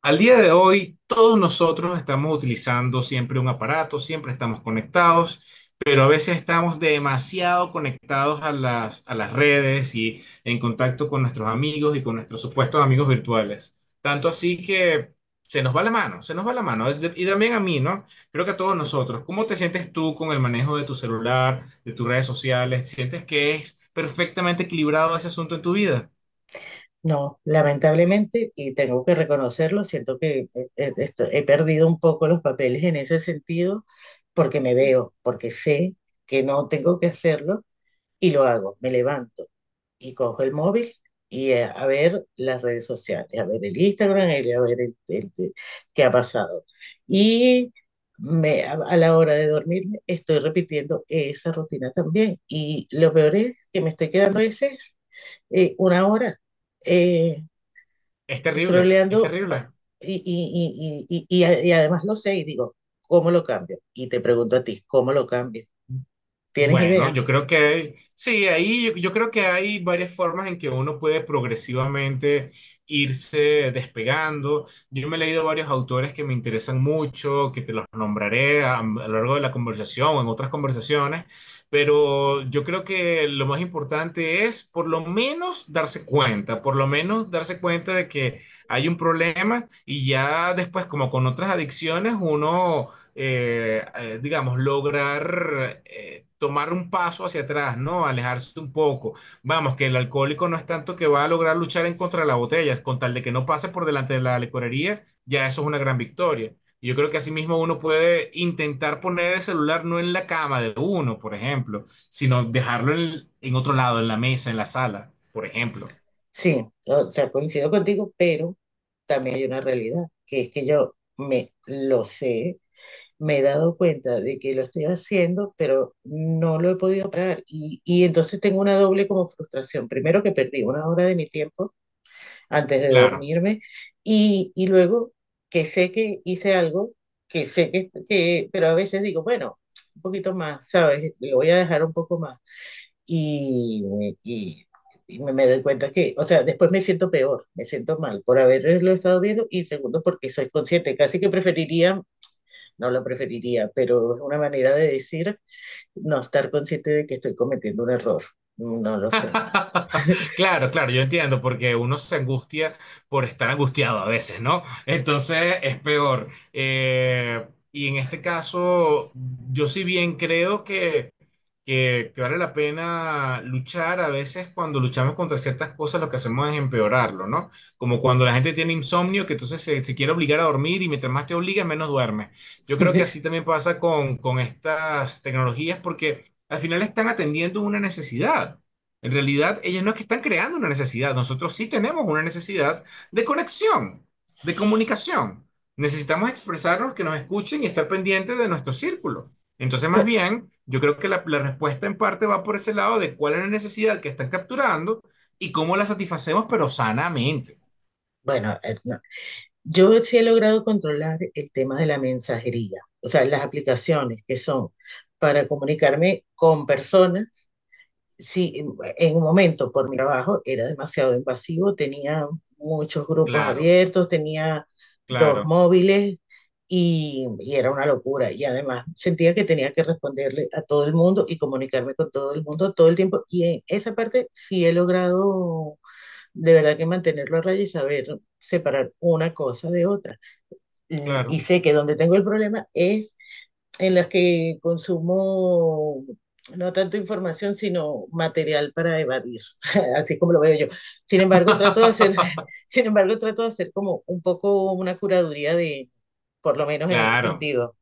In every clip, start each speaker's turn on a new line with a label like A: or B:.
A: Al día de hoy, todos nosotros estamos utilizando siempre un aparato, siempre estamos conectados, pero a veces estamos demasiado conectados a las redes y en contacto con nuestros amigos y con nuestros supuestos amigos virtuales. Tanto así que se nos va la mano, se nos va la mano. Y también a mí, ¿no? Creo que a todos nosotros. ¿Cómo te sientes tú con el manejo de tu celular, de tus redes sociales? ¿Sientes que es perfectamente equilibrado ese asunto en tu vida?
B: No, lamentablemente, y tengo que reconocerlo, siento que he perdido un poco los papeles en ese sentido porque me veo, porque sé que no tengo que hacerlo y lo hago. Me levanto y cojo el móvil y a ver las redes sociales, a ver el Instagram, el- a ver el- qué ha pasado. Y a la hora de dormirme estoy repitiendo esa rutina también. Y lo peor es que me estoy quedando a veces una hora. eh,
A: Es terrible, es
B: Scrolleando
A: terrible.
B: y además lo sé y digo, ¿cómo lo cambio? Y te pregunto a ti, ¿cómo lo cambio? ¿Tienes
A: Bueno,
B: idea?
A: yo creo que sí, ahí yo creo que hay varias formas en que uno puede progresivamente irse despegando. Yo me he leído varios autores que me interesan mucho, que te los nombraré a lo largo de la conversación o en otras conversaciones, pero yo creo que lo más importante es por lo menos darse cuenta, por lo menos darse cuenta de que hay un problema y ya después, como con otras adicciones, uno digamos, lograr tomar un paso hacia atrás, ¿no? Alejarse un poco. Vamos, que el alcohólico no es tanto que va a lograr luchar en contra de la botella, es con tal de que no pase por delante de la licorería, ya eso es una gran victoria. Yo creo que asimismo uno puede intentar poner el celular no en la cama de uno, por ejemplo, sino dejarlo en otro lado, en la mesa, en la sala, por ejemplo.
B: Sí, o sea, coincido contigo, pero también hay una realidad, que es que yo me lo sé, me he dado cuenta de que lo estoy haciendo, pero no lo he podido parar. Y entonces tengo una doble como frustración. Primero que perdí una hora de mi tiempo antes de
A: Claro.
B: dormirme y luego que sé que hice algo, que sé que, pero a veces digo, bueno, un poquito más, ¿sabes? Lo voy a dejar un poco más y, y, y me doy cuenta que, o sea, después me siento peor, me siento mal por haberlo estado viendo y segundo porque soy consciente, casi que preferiría, no lo preferiría, pero es una manera de decir no estar consciente de que estoy cometiendo un error, no lo sé.
A: Claro, claro, yo entiendo, porque uno se angustia por estar angustiado a veces, ¿no? Entonces es peor. Y en este caso, yo sí bien creo que vale la pena luchar. A veces cuando luchamos contra ciertas cosas, lo que hacemos es empeorarlo, ¿no? Como cuando la gente tiene insomnio, que entonces se quiere obligar a dormir y mientras más te obliga menos duerme. Yo creo que así también pasa con estas tecnologías, porque al final están atendiendo una necesidad. En realidad, ellos no es que están creando una necesidad, nosotros sí tenemos una necesidad de conexión, de comunicación. Necesitamos expresarnos, que nos escuchen y estar pendientes de nuestro círculo. Entonces, más
B: Bueno,
A: bien, yo creo que la respuesta en parte va por ese lado de cuál es la necesidad que están capturando y cómo la satisfacemos, pero sanamente.
B: bueno, no, yo sí he logrado controlar el tema de la mensajería, o sea, las aplicaciones que son para comunicarme con personas. Sí, en un momento por mi trabajo era demasiado invasivo, tenía muchos grupos
A: Claro,
B: abiertos, tenía dos
A: claro,
B: móviles y era una locura. Y además sentía que tenía que responderle a todo el mundo y comunicarme con todo el mundo todo el tiempo. Y en esa parte sí he logrado de verdad que mantenerlo a raya y saber separar una cosa de otra y
A: claro,
B: sé que donde tengo el problema es en las que consumo no tanto información, sino material para evadir, así como lo veo yo. Sin embargo, sin embargo, trato de hacer como un poco una curaduría de, por lo menos en ese
A: claro.
B: sentido.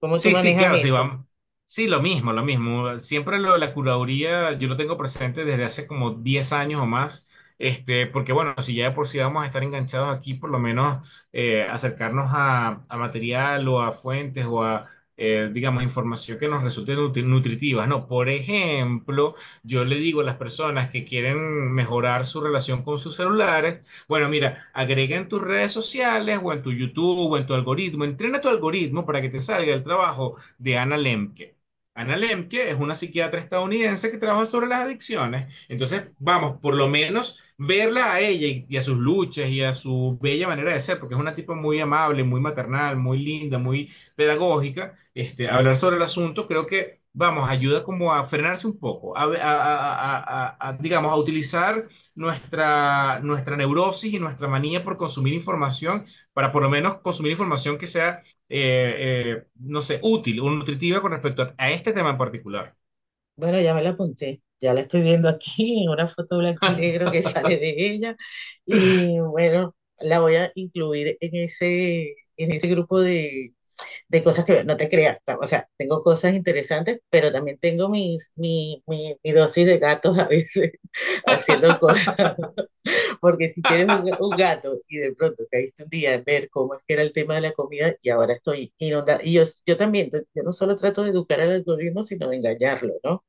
B: ¿Cómo tú
A: Sí, sí,
B: manejas
A: claro, sí,
B: eso?
A: vamos. Sí, lo mismo, lo mismo. Siempre lo de la curaduría yo lo tengo presente desde hace como 10 años o más. Este, porque bueno, si ya de por sí vamos a estar enganchados aquí, por lo menos acercarnos a material o a fuentes o a, digamos, información que nos resulte nutritiva, ¿no? Por ejemplo, yo le digo a las personas que quieren mejorar su relación con sus celulares, bueno, mira, agrega en tus redes sociales o en tu YouTube o en tu algoritmo. Entrena tu algoritmo para que te salga el trabajo de Anna Lemke. Anna Lemke es una psiquiatra estadounidense que trabaja sobre las adicciones. Entonces, vamos, por lo menos verla a ella y a sus luchas y a su bella manera de ser, porque es una tipa muy amable, muy maternal, muy linda, muy pedagógica. Este, hablar sobre el asunto creo que, vamos, ayuda como a frenarse un poco, digamos, a utilizar nuestra neurosis y nuestra manía por consumir información, para por lo menos consumir información que sea, no sé, útil o nutritiva con respecto a este tema en particular.
B: Bueno, ya me la apunté, ya la estoy viendo aquí en una foto blanco y negro que sale de ella y bueno, la voy a incluir en ese grupo de cosas que no te creas, o sea, tengo cosas interesantes, pero también tengo mi dosis de gatos a veces haciendo cosas, porque si tienes un gato y de pronto caíste un día en ver cómo es que era el tema de la comida y ahora estoy inundada, y yo también, yo no solo trato de educar al algoritmo, sino de engañarlo, ¿no?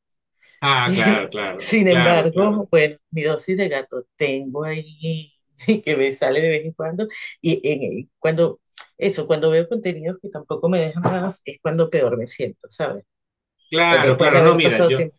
A: Ah, claro, claro,
B: Sin
A: claro,
B: embargo,
A: claro.
B: bueno, mi dosis de gato tengo ahí que me sale de vez en cuando cuando eso, cuando veo contenidos que tampoco me dejan más, es cuando peor me siento, ¿sabes?
A: Claro,
B: Después de
A: claro. No,
B: haber
A: mira,
B: pasado tiempo.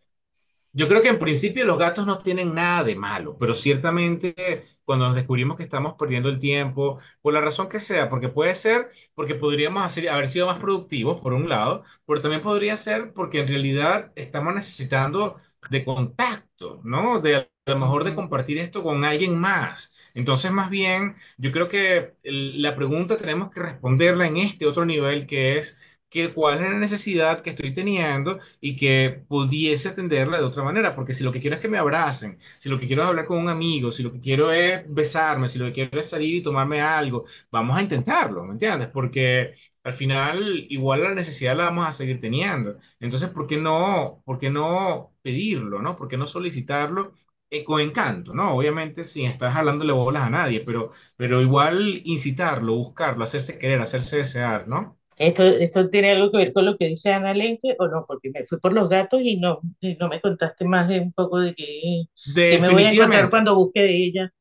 A: yo creo que en principio los gatos no tienen nada de malo, pero ciertamente cuando nos descubrimos que estamos perdiendo el tiempo, por la razón que sea, porque puede ser porque podríamos haber sido más productivos, por un lado, pero también podría ser porque en realidad estamos necesitando de contacto, ¿no? De a lo mejor de
B: Ujú.
A: compartir esto con alguien más. Entonces, más bien, yo creo que la pregunta tenemos que responderla en este otro nivel que es que cuál es la necesidad que estoy teniendo y que pudiese atenderla de otra manera, porque si lo que quiero es que me abracen, si lo que quiero es hablar con un amigo, si lo que quiero es besarme, si lo que quiero es salir y tomarme algo, vamos a intentarlo, ¿me entiendes? Porque al final igual la necesidad la vamos a seguir teniendo. Entonces, por qué no pedirlo, ¿no? ¿Por qué no solicitarlo? Con encanto, ¿no? Obviamente sin estar jalándole bolas a nadie, pero igual incitarlo, buscarlo, hacerse querer, hacerse desear, ¿no?
B: Esto tiene algo que ver con lo que dice Ana Lenke o no? Porque me fui por los gatos y no me contaste más de un poco de qué, qué me voy a encontrar
A: Definitivamente.
B: cuando busque de ella.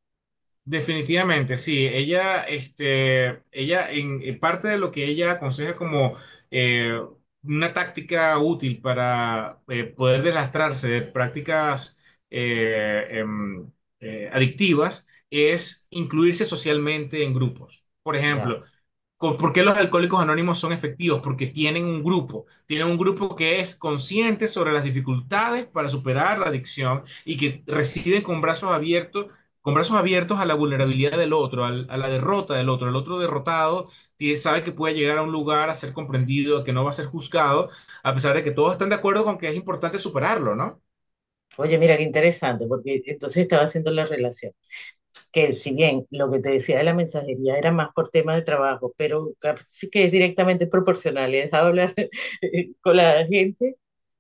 A: Definitivamente, sí. Ella, este, ella, en parte de lo que ella aconseja como eh, una táctica útil para poder deslastrarse de prácticas eh, em, adictivas es incluirse socialmente en grupos. Por
B: Ya.
A: ejemplo, ¿por qué los alcohólicos anónimos son efectivos? Porque tienen un grupo que es consciente sobre las dificultades para superar la adicción y que reciben con brazos abiertos a la vulnerabilidad del otro, a la derrota del otro. El otro derrotado sabe que puede llegar a un lugar a ser comprendido, a que no va a ser juzgado, a pesar de que todos están de acuerdo con que es importante superarlo, ¿no?
B: Oye, mira qué interesante, porque entonces estaba haciendo la relación. Que si bien lo que te decía de la mensajería era más por tema de trabajo, pero sí que es directamente proporcional. He dejado hablar con la gente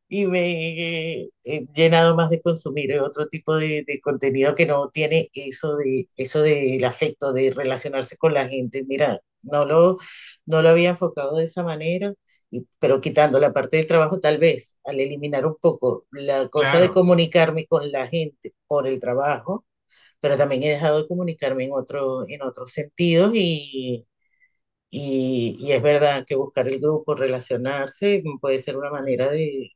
B: y me he llenado más de consumir otro tipo de contenido que no tiene eso de eso del afecto, de relacionarse con la gente. Mira, no lo había enfocado de esa manera, y, pero quitando la parte del trabajo, tal vez al eliminar un poco la cosa de
A: Claro.
B: comunicarme con la gente por el trabajo, pero también he dejado de comunicarme en otros sentidos y es verdad que buscar el grupo, relacionarse, puede ser una
A: Sí.
B: manera de...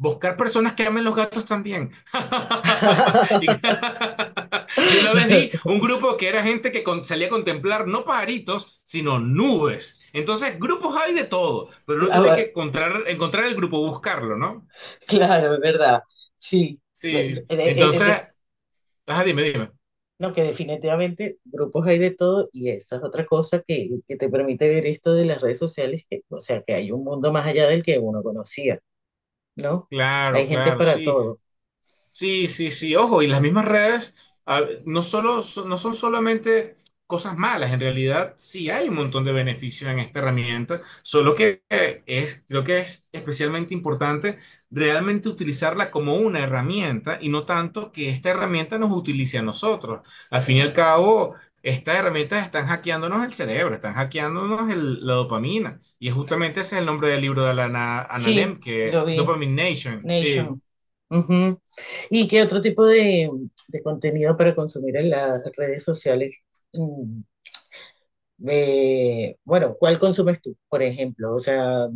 A: Buscar personas que amen los gatos también. Y- Yo una vez vi un grupo que era gente que salía a contemplar no pajaritos, sino nubes. Entonces, grupos hay de todo, pero uno
B: Ah,
A: tiene que
B: va-
A: encontrar, encontrar el grupo, buscarlo, ¿no?
B: Claro, es verdad, sí. Eh,
A: Sí.
B: eh, eh, de-
A: Entonces, ajá, dime, dime.
B: No, que definitivamente grupos hay de todo y esa es otra cosa que te permite ver esto de las redes sociales, que, o sea, que hay un mundo más allá del que uno conocía, ¿no?
A: Claro,
B: Hay gente
A: claro,
B: para
A: sí.
B: todo.
A: Sí, sí, sí, ojo, y las mismas redes no son solamente cosas malas, en realidad sí hay un montón de beneficios en esta herramienta, solo que es, creo que es especialmente importante realmente utilizarla como una herramienta y no tanto que esta herramienta nos utilice a nosotros. Al fin y
B: Ah,
A: al cabo, estas herramientas están hackeándonos el cerebro, están hackeándonos la dopamina, y justamente ese es el nombre del libro de Alana
B: sí,
A: Analem,
B: lo
A: que
B: vi.
A: Dopamine Nation, sí.
B: Nation. Ujú. ¿Y qué otro tipo de contenido para consumir en las redes sociales? Mm, bueno, ¿cuál consumes tú, por ejemplo? O sea,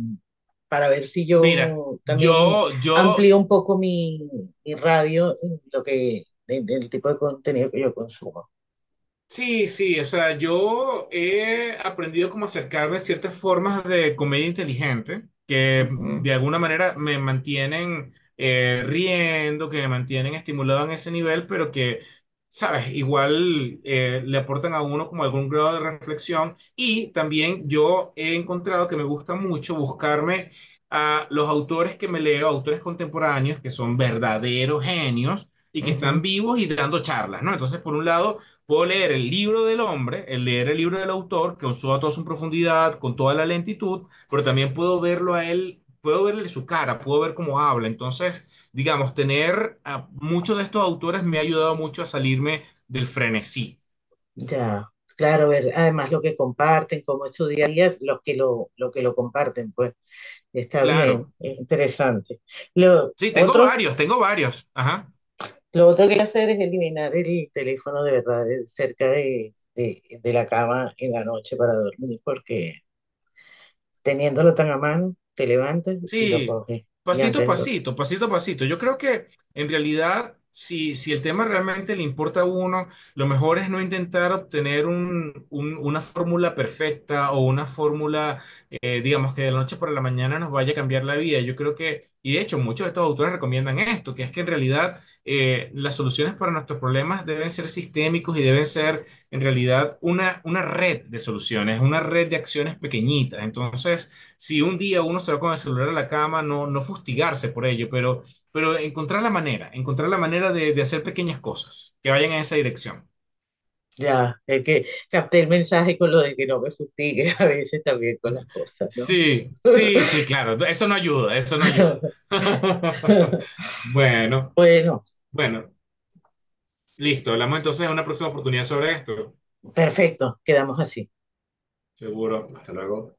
B: para ver si
A: Mira,
B: yo también
A: yo
B: amplío un poco mi radio en lo que, en el tipo de contenido que yo consumo.
A: sí, sí, o sea, yo he aprendido como acercarme a ciertas formas de comedia inteligente que
B: Ujú,
A: de alguna manera me mantienen riendo, que me mantienen estimulado en ese nivel, pero que, sabes, igual le aportan a uno como algún grado de reflexión. Y también yo he encontrado que me gusta mucho buscarme a los autores que me leo, autores contemporáneos que son verdaderos genios y que están
B: ujú.
A: vivos y dando charlas, ¿no? Entonces, por un lado puedo leer el libro del hombre, el leer el libro del autor, con toda su profundidad, con toda la lentitud, pero también puedo verlo a él, puedo verle su cara, puedo ver cómo habla. Entonces, digamos, tener a muchos de estos autores me ha ayudado mucho a salirme del frenesí.
B: Ya, claro, ver además lo que comparten, cómo es su día a día, lo que lo comparten, pues. Está bien,
A: Claro.
B: es interesante. Lo
A: Sí, tengo
B: otro,
A: varios, tengo varios. Ajá.
B: lo otro que hay que hacer es eliminar el teléfono de verdad cerca de, de la cama en la noche para dormir, porque teniéndolo tan a mano, te levantas y lo
A: Sí,
B: coges. Y
A: pasito a
B: antes de dormir,
A: pasito, pasito a pasito. Yo creo que en realidad, si el tema realmente le importa a uno, lo mejor es no intentar obtener una fórmula perfecta o una fórmula, digamos, que de la noche para la mañana nos vaya a cambiar la vida. Yo creo que, y de hecho muchos de estos autores recomiendan esto, que es que en realidad las soluciones para nuestros problemas deben ser sistémicos y deben ser en realidad una red de soluciones, una red de acciones pequeñitas. Entonces si un día uno se va con el celular a la cama, no fustigarse por ello, pero encontrar la manera de hacer pequeñas cosas que vayan en esa dirección.
B: ya, es que capté el mensaje con lo de que no me fustigue a veces también con las cosas, ¿no?
A: Sí, sí, sí, claro, eso no ayuda, eso no ayuda. Bueno,
B: Bueno,
A: bueno, listo, hablamos entonces en una próxima oportunidad sobre esto.
B: perfecto, quedamos así.
A: Seguro, hasta luego.